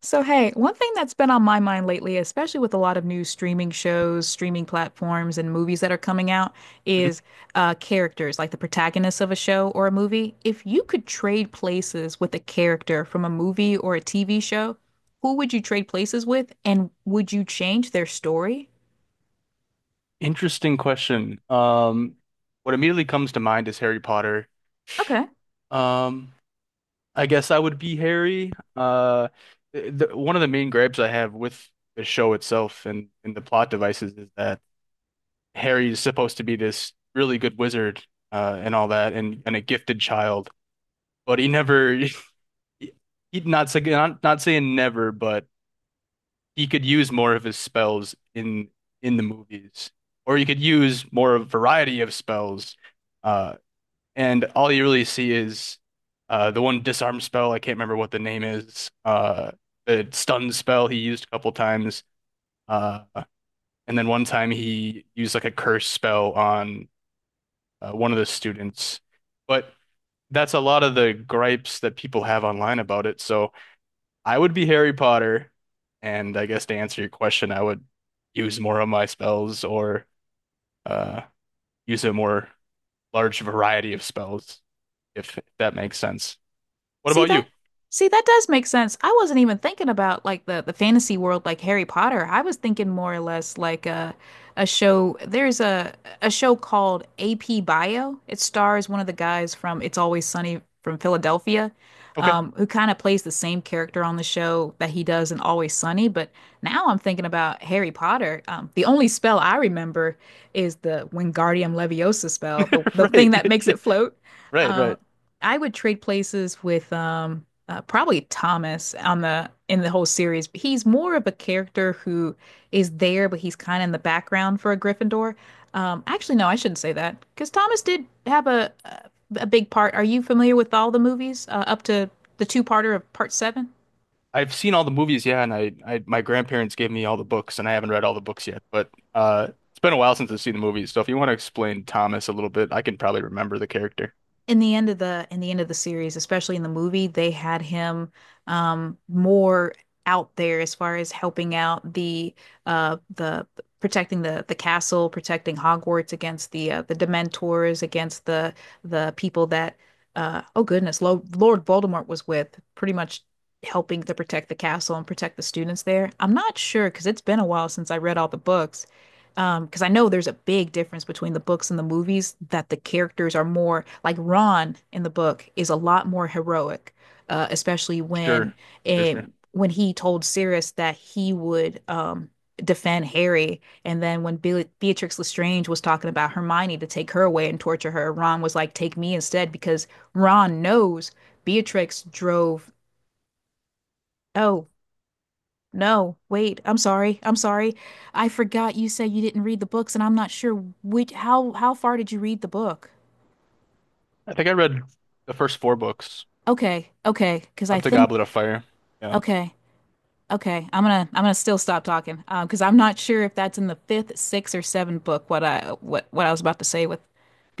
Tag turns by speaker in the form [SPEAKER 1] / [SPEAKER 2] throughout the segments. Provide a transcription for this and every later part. [SPEAKER 1] So, hey, one thing that's been on my mind lately, especially with a lot of new streaming shows, streaming platforms, and movies that are coming out,
[SPEAKER 2] Mhm.
[SPEAKER 1] is characters, like the protagonists of a show or a movie. If you could trade places with a character from a movie or a TV show, who would you trade places with, and would you change their story?
[SPEAKER 2] Interesting question. What immediately comes to mind is Harry Potter.
[SPEAKER 1] Okay.
[SPEAKER 2] Um, I guess I would be Harry. One of the main gripes I have with the show itself and the plot devices is that Harry is supposed to be this really good wizard, and all that, and a gifted child, but he never, he, not saying never, but he could use more of his spells in the movies, or he could use more of a variety of spells. Uh, and all you really see is the one disarm spell. I can't remember what the name is. The stun spell he used a couple times. Uh, and then one time he used like a curse spell on one of the students. But that's a lot of the gripes that people have online about it. So I would be Harry Potter. And I guess to answer your question, I would use more of my spells or uh, use a more large variety of spells, if that makes sense. What
[SPEAKER 1] See
[SPEAKER 2] about
[SPEAKER 1] that?
[SPEAKER 2] you?
[SPEAKER 1] See, that does make sense. I wasn't even thinking about like the fantasy world like Harry Potter. I was thinking more or less like a show. There's a show called AP Bio. It stars one of the guys from It's Always Sunny from Philadelphia,
[SPEAKER 2] Okay.
[SPEAKER 1] who kind of plays the same character on the show that he does in Always Sunny. But now I'm thinking about Harry Potter. The only spell I remember is the Wingardium Leviosa spell, the the thing
[SPEAKER 2] Right.
[SPEAKER 1] that makes it float.
[SPEAKER 2] Right,
[SPEAKER 1] Um,
[SPEAKER 2] right.
[SPEAKER 1] I would trade places with probably Thomas on the in the whole series. He's more of a character who is there, but he's kind of in the background for a Gryffindor. Actually, no, I shouldn't say that because Thomas did have a big part. Are you familiar with all the movies up to the two-parter of part seven?
[SPEAKER 2] I've seen all the movies, yeah, and I my grandparents gave me all the books and I haven't read all the books yet, but it's been a while since I've seen the movies, so if you want to explain Thomas a little bit, I can probably remember the character.
[SPEAKER 1] In the end of the end of the series, especially in the movie, they had him more out there as far as helping out the protecting the castle, protecting Hogwarts against the Dementors, against the people that oh goodness, Lo Lord Voldemort was with, pretty much helping to protect the castle and protect the students there. I'm not sure because it's been a while since I read all the books. Because I know there's a big difference between the books and the movies that the characters are more like Ron in the book is a lot more heroic, especially when
[SPEAKER 2] Sure. Sure,
[SPEAKER 1] it,
[SPEAKER 2] sure.
[SPEAKER 1] when he told Sirius that he would defend Harry, and then when Be Beatrix Lestrange was talking about Hermione to take her away and torture her, Ron was like, "Take me instead," because Ron knows Beatrix drove. Oh, no, wait. I'm sorry. I'm sorry. I forgot you said you didn't read the books, and I'm not sure which how far did you read the book?
[SPEAKER 2] I think I read the first four books
[SPEAKER 1] Okay, okay, because I
[SPEAKER 2] up to
[SPEAKER 1] think
[SPEAKER 2] Goblet of Fire. Yeah.
[SPEAKER 1] okay, okay. I'm gonna still stop talking, because I'm not sure if that's in the fifth, sixth, or seventh book. What I was about to say with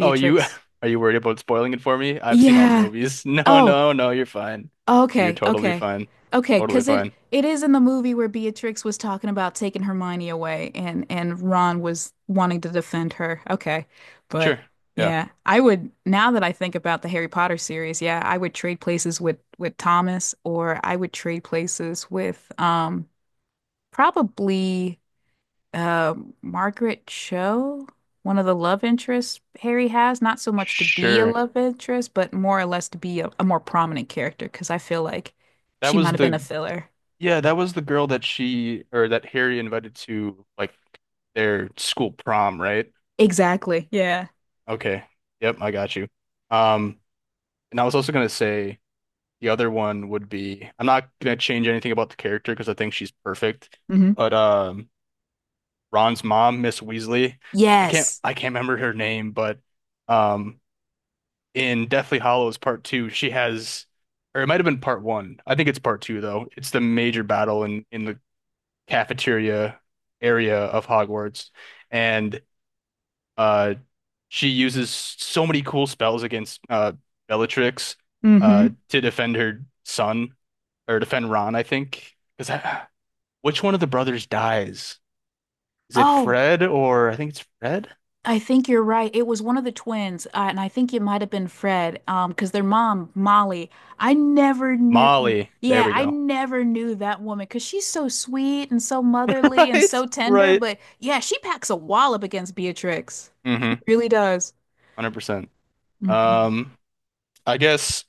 [SPEAKER 2] Oh, you are you worried about spoiling it for me? I've seen all the
[SPEAKER 1] Yeah.
[SPEAKER 2] movies. No,
[SPEAKER 1] Oh,
[SPEAKER 2] no, no, you're fine. You're
[SPEAKER 1] okay,
[SPEAKER 2] totally
[SPEAKER 1] okay.
[SPEAKER 2] fine.
[SPEAKER 1] Okay,
[SPEAKER 2] Totally
[SPEAKER 1] 'cause it
[SPEAKER 2] fine.
[SPEAKER 1] it is in the movie where Beatrix was talking about taking Hermione away and Ron was wanting to defend her. Okay. But
[SPEAKER 2] Sure. Yeah.
[SPEAKER 1] yeah, I would now that I think about the Harry Potter series, yeah, I would trade places with Thomas or I would trade places with probably uh Margaret Cho, one of the love interests Harry has, not so much to be a
[SPEAKER 2] Sure.
[SPEAKER 1] love interest, but more or less to be a more prominent character because I feel like
[SPEAKER 2] That
[SPEAKER 1] she might
[SPEAKER 2] was
[SPEAKER 1] have been a
[SPEAKER 2] the
[SPEAKER 1] filler.
[SPEAKER 2] Yeah, that was the girl that she or that Harry invited to like their school prom, right?
[SPEAKER 1] Exactly. Yeah.
[SPEAKER 2] Okay. Yep, I got you. Um, and I was also gonna say the other one would be, I'm not gonna change anything about the character because I think she's perfect.
[SPEAKER 1] Hmm.
[SPEAKER 2] But Ron's mom, Miss Weasley,
[SPEAKER 1] Yes.
[SPEAKER 2] I can't remember her name, but um in Deathly Hollows Part Two, she has, or it might have been part one. I think it's part two though. It's the major battle in the cafeteria area of Hogwarts, and uh, she uses so many cool spells against Bellatrix
[SPEAKER 1] Hmm.
[SPEAKER 2] to defend her son or defend Ron, I think. Because which one of the brothers dies? Is it
[SPEAKER 1] Oh,
[SPEAKER 2] Fred, or I think it's Fred?
[SPEAKER 1] I think you're right. It was one of the twins, and I think it might have been Fred, because their mom, Molly, I never knew.
[SPEAKER 2] Molly. There
[SPEAKER 1] Yeah,
[SPEAKER 2] we
[SPEAKER 1] I
[SPEAKER 2] go.
[SPEAKER 1] never knew that woman because she's so sweet and so motherly and
[SPEAKER 2] Right,
[SPEAKER 1] so tender.
[SPEAKER 2] right.
[SPEAKER 1] But yeah, she packs a wallop against Beatrix.
[SPEAKER 2] Mm-hmm.
[SPEAKER 1] She really does.
[SPEAKER 2] 100%.
[SPEAKER 1] Mhm.
[SPEAKER 2] Um, I guess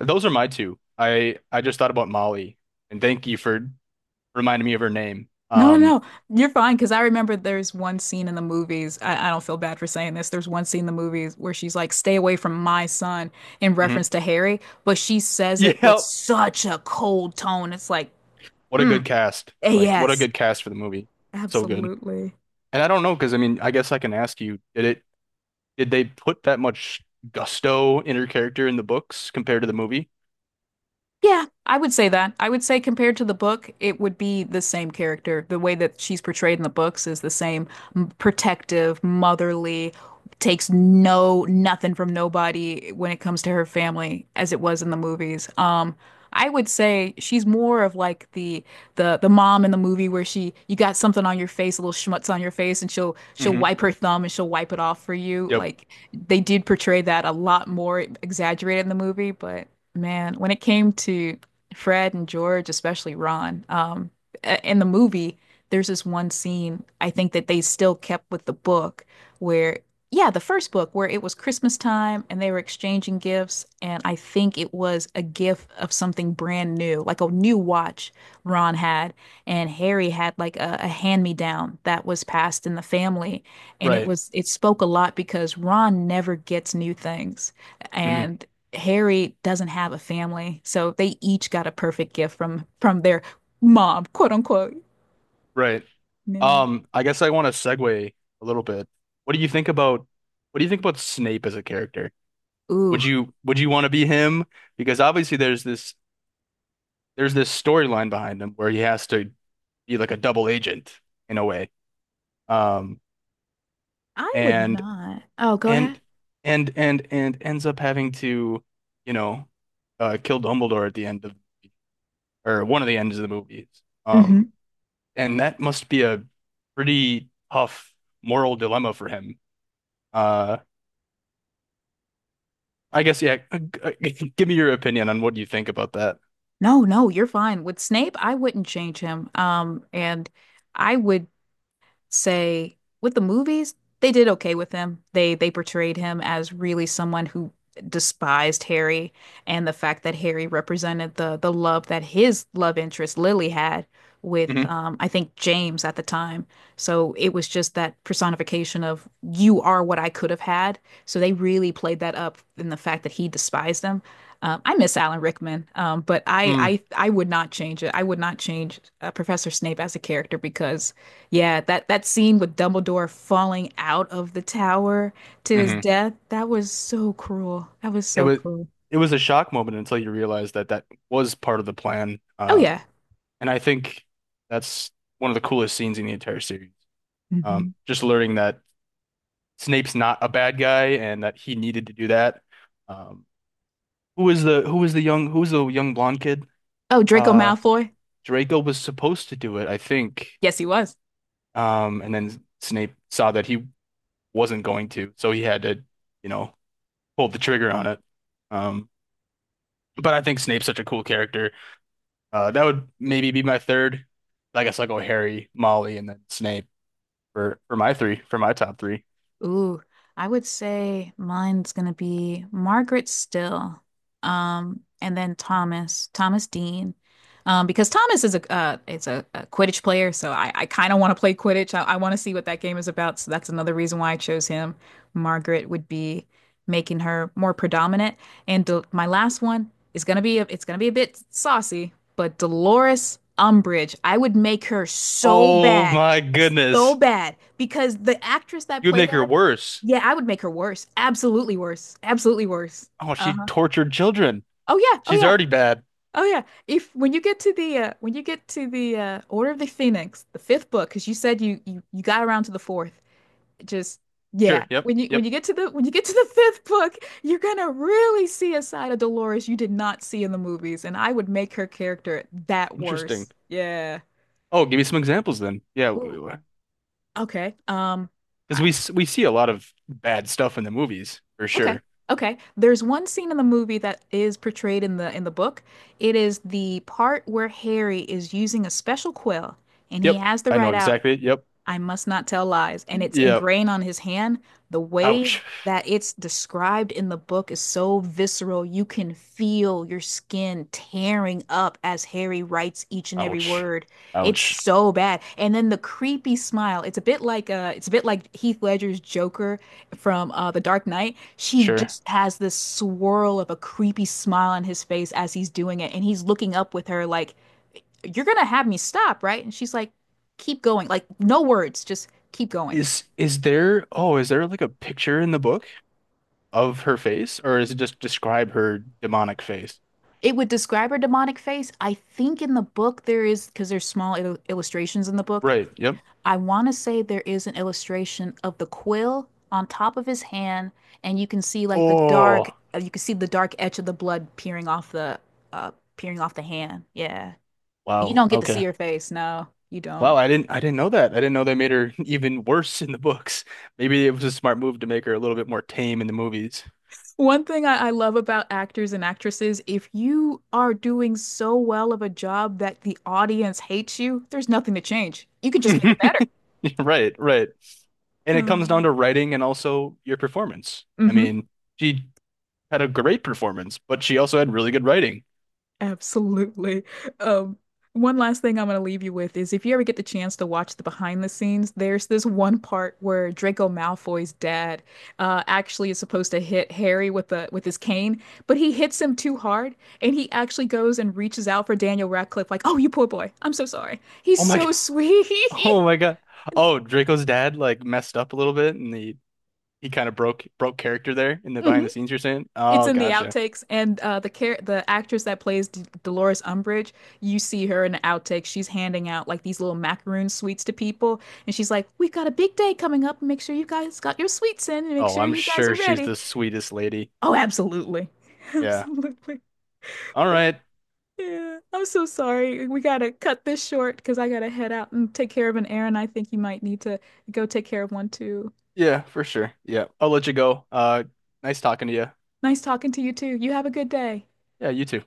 [SPEAKER 2] those are my two. I just thought about Molly, and thank you for reminding me of her name.
[SPEAKER 1] No, no, no. You're fine because I remember there's one scene in the movies. I don't feel bad for saying this. There's one scene in the movies where she's like, stay away from my son in reference
[SPEAKER 2] Mhm.
[SPEAKER 1] to Harry, but she says it with
[SPEAKER 2] Yeah.
[SPEAKER 1] such a cold tone. It's like,
[SPEAKER 2] What a
[SPEAKER 1] mm.
[SPEAKER 2] good cast.
[SPEAKER 1] Eh,
[SPEAKER 2] Like, what a
[SPEAKER 1] yes,
[SPEAKER 2] good cast for the movie. So good.
[SPEAKER 1] absolutely.
[SPEAKER 2] And I don't know, because I mean, I guess I can ask you, did it did they put that much gusto in her character in the books compared to the movie?
[SPEAKER 1] Yeah, I would say that. I would say compared to the book, it would be the same character. The way that she's portrayed in the books is the same protective, motherly, takes no nothing from nobody when it comes to her family as it was in the movies. I would say she's more of like the mom in the movie where she you got something on your face, a little schmutz on your face, and she'll
[SPEAKER 2] Hmm.
[SPEAKER 1] wipe her thumb and she'll wipe it off for you.
[SPEAKER 2] Yep.
[SPEAKER 1] Like they did portray that a lot more exaggerated in the movie, but. Man, when it came to Fred and George, especially Ron, in the movie, there's this one scene I think that they still kept with the book where, yeah, the first book where it was Christmas time and they were exchanging gifts. And I think it was a gift of something brand new, like a new watch Ron had. And Harry had like a hand-me-down that was passed in the family. And it
[SPEAKER 2] Right.
[SPEAKER 1] was, it spoke a lot because Ron never gets new things.
[SPEAKER 2] Hmm.
[SPEAKER 1] And Harry doesn't have a family, so they each got a perfect gift from their mom, quote unquote.
[SPEAKER 2] Right.
[SPEAKER 1] No.
[SPEAKER 2] I guess I want to segue a little bit. What do you think about what do you think about Snape as a character?
[SPEAKER 1] Ooh,
[SPEAKER 2] Would you want to be him? Because obviously there's this storyline behind him where he has to be like a double agent in a way. Um,
[SPEAKER 1] I would
[SPEAKER 2] and
[SPEAKER 1] not. Oh, go ahead.
[SPEAKER 2] and and ends up having to, you know, kill Dumbledore at the end of, or one of the ends of the movies. Um,
[SPEAKER 1] Hmm.
[SPEAKER 2] and that must be a pretty tough moral dilemma for him. Uh, I guess yeah. Give me your opinion on what you think about that.
[SPEAKER 1] No, no, you're fine. With Snape, I wouldn't change him. And I would say with the movies, they did okay with him. They portrayed him as really someone who despised Harry and the fact that Harry represented the love that his love interest Lily had with
[SPEAKER 2] Hmm.
[SPEAKER 1] I think James at the time. So it was just that personification of you are what I could have had. So they really played that up in the fact that he despised them. I miss Alan Rickman, but I,
[SPEAKER 2] Mm,
[SPEAKER 1] I I would not change it. I would not change Professor Snape as a character because yeah, that scene with Dumbledore falling out of the tower to his
[SPEAKER 2] hmm.
[SPEAKER 1] death, that was so cruel. That was
[SPEAKER 2] It
[SPEAKER 1] so
[SPEAKER 2] was
[SPEAKER 1] cruel.
[SPEAKER 2] it was a shock moment until you realize that that was part of the plan.
[SPEAKER 1] Oh yeah.
[SPEAKER 2] And I think that's one of the coolest scenes in the entire series.
[SPEAKER 1] Hmm.
[SPEAKER 2] Just learning that Snape's not a bad guy and that he needed to do that. Um, who was the young blonde kid?
[SPEAKER 1] Oh, Draco
[SPEAKER 2] Uh,
[SPEAKER 1] Malfoy.
[SPEAKER 2] Draco was supposed to do it, I think.
[SPEAKER 1] Yes, he was.
[SPEAKER 2] And then Snape saw that he wasn't going to, so he had to, you know, pull the trigger on it. Um, but I think Snape's such a cool character. That would maybe be my third. Like, I guess I'll go Harry, Molly, and then Snape for my top three.
[SPEAKER 1] Ooh, I would say mine's gonna be Margaret Still, and then Thomas, Thomas Dean, because Thomas is a it's a Quidditch player, so I kind of want to play Quidditch. I want to see what that game is about, so that's another reason why I chose him. Margaret would be making her more predominant, and Del my last one is gonna be a, it's gonna be a bit saucy, but Dolores Umbridge, I would make her
[SPEAKER 2] Oh my
[SPEAKER 1] so
[SPEAKER 2] goodness,
[SPEAKER 1] bad because the actress that
[SPEAKER 2] you would
[SPEAKER 1] played
[SPEAKER 2] make her
[SPEAKER 1] her
[SPEAKER 2] worse.
[SPEAKER 1] yeah, I would make her worse. Absolutely worse. Absolutely worse.
[SPEAKER 2] Oh, she
[SPEAKER 1] Uh-huh.
[SPEAKER 2] tortured children.
[SPEAKER 1] Oh yeah, oh
[SPEAKER 2] She's
[SPEAKER 1] yeah,
[SPEAKER 2] already bad.
[SPEAKER 1] oh yeah. If when you get to the when you get to the Order of the Phoenix, the fifth book, because you said you, you got around to the fourth, it just yeah.
[SPEAKER 2] Sure. Yep.
[SPEAKER 1] When
[SPEAKER 2] Yep.
[SPEAKER 1] you get to the when you get to the fifth book, you're gonna really see a side of Dolores you did not see in the movies, and I would make her character that
[SPEAKER 2] Interesting.
[SPEAKER 1] worse. Yeah.
[SPEAKER 2] Oh, give me some examples then. Yeah,
[SPEAKER 1] Ooh.
[SPEAKER 2] because
[SPEAKER 1] Okay. I
[SPEAKER 2] we s- we see a lot of bad stuff in the movies for
[SPEAKER 1] okay.
[SPEAKER 2] sure.
[SPEAKER 1] Okay. There's one scene in the movie that is portrayed in the book. It is the part where Harry is using a special quill and he
[SPEAKER 2] Yep,
[SPEAKER 1] has the
[SPEAKER 2] I know
[SPEAKER 1] right out
[SPEAKER 2] exactly. Yep,
[SPEAKER 1] I must not tell lies. And it's
[SPEAKER 2] yep.
[SPEAKER 1] ingrained on his hand. The way
[SPEAKER 2] Ouch,
[SPEAKER 1] that it's described in the book is so visceral. You can feel your skin tearing up as Harry writes each and every
[SPEAKER 2] ouch,
[SPEAKER 1] word. It's
[SPEAKER 2] ouch.
[SPEAKER 1] so bad. And then the creepy smile. It's a bit like it's a bit like Heath Ledger's Joker from The Dark Knight. She
[SPEAKER 2] Sure.
[SPEAKER 1] just has this swirl of a creepy smile on his face as he's doing it, and he's looking up with her like you're gonna have me stop, right? And she's like, keep going. Like, no words, just keep going.
[SPEAKER 2] Is there? Oh, is there like a picture in the book of her face, or is it just describe her demonic face?
[SPEAKER 1] It would describe her demonic face. I think in the book there is, because there's small illustrations in the book.
[SPEAKER 2] Right. Yep.
[SPEAKER 1] I want to say there is an illustration of the quill on top of his hand, and you can see like the dark,
[SPEAKER 2] Oh,
[SPEAKER 1] you can see the dark edge of the blood uh, peering off the hand. Yeah. You
[SPEAKER 2] wow.
[SPEAKER 1] don't get to see
[SPEAKER 2] Okay.
[SPEAKER 1] her face. No, you
[SPEAKER 2] Wow,
[SPEAKER 1] don't.
[SPEAKER 2] I didn't know that. I didn't know they made her even worse in the books. Maybe it was a smart move to make her a little bit more tame in the movies.
[SPEAKER 1] One thing I love about actors and actresses, if you are doing so well of a job that the audience hates you, there's nothing to change. You can just make it better.
[SPEAKER 2] Right, right. And it comes down
[SPEAKER 1] Um,
[SPEAKER 2] to writing and also your performance. I
[SPEAKER 1] hmm.
[SPEAKER 2] mean, she had a great performance, but she also had really good writing.
[SPEAKER 1] Absolutely. Um, one last thing I'm going to leave you with is if you ever get the chance to watch the behind the scenes, there's this one part where Draco Malfoy's dad actually is supposed to hit Harry with the with his cane, but he hits him too hard, and he actually goes and reaches out for Daniel Radcliffe, like, "Oh, you poor boy. I'm so sorry." He's
[SPEAKER 2] Oh my
[SPEAKER 1] so
[SPEAKER 2] God.
[SPEAKER 1] sweet.
[SPEAKER 2] Oh my God. Oh, Draco's dad like messed up a little bit and he kind of broke character there in the
[SPEAKER 1] Mhm.
[SPEAKER 2] behind the scenes you're saying?
[SPEAKER 1] It's
[SPEAKER 2] Oh,
[SPEAKER 1] in the
[SPEAKER 2] gotcha.
[SPEAKER 1] outtakes, and the actress that plays D Dolores Umbridge, you see her in the outtakes. She's handing out like these little macaroon sweets to people, and she's like, "We've got a big day coming up. Make sure you guys got your sweets in, and make
[SPEAKER 2] Oh,
[SPEAKER 1] sure
[SPEAKER 2] I'm
[SPEAKER 1] you guys
[SPEAKER 2] sure
[SPEAKER 1] are
[SPEAKER 2] she's
[SPEAKER 1] ready."
[SPEAKER 2] the sweetest lady.
[SPEAKER 1] Oh, absolutely,
[SPEAKER 2] Yeah.
[SPEAKER 1] absolutely.
[SPEAKER 2] All
[SPEAKER 1] But
[SPEAKER 2] right.
[SPEAKER 1] yeah, I'm so sorry. We gotta cut this short because I gotta head out and take care of an errand. I think you might need to go take care of one too.
[SPEAKER 2] Yeah, for sure. Yeah. I'll let you go. Nice talking to you.
[SPEAKER 1] Nice talking to you too. You have a good day.
[SPEAKER 2] Yeah, you too.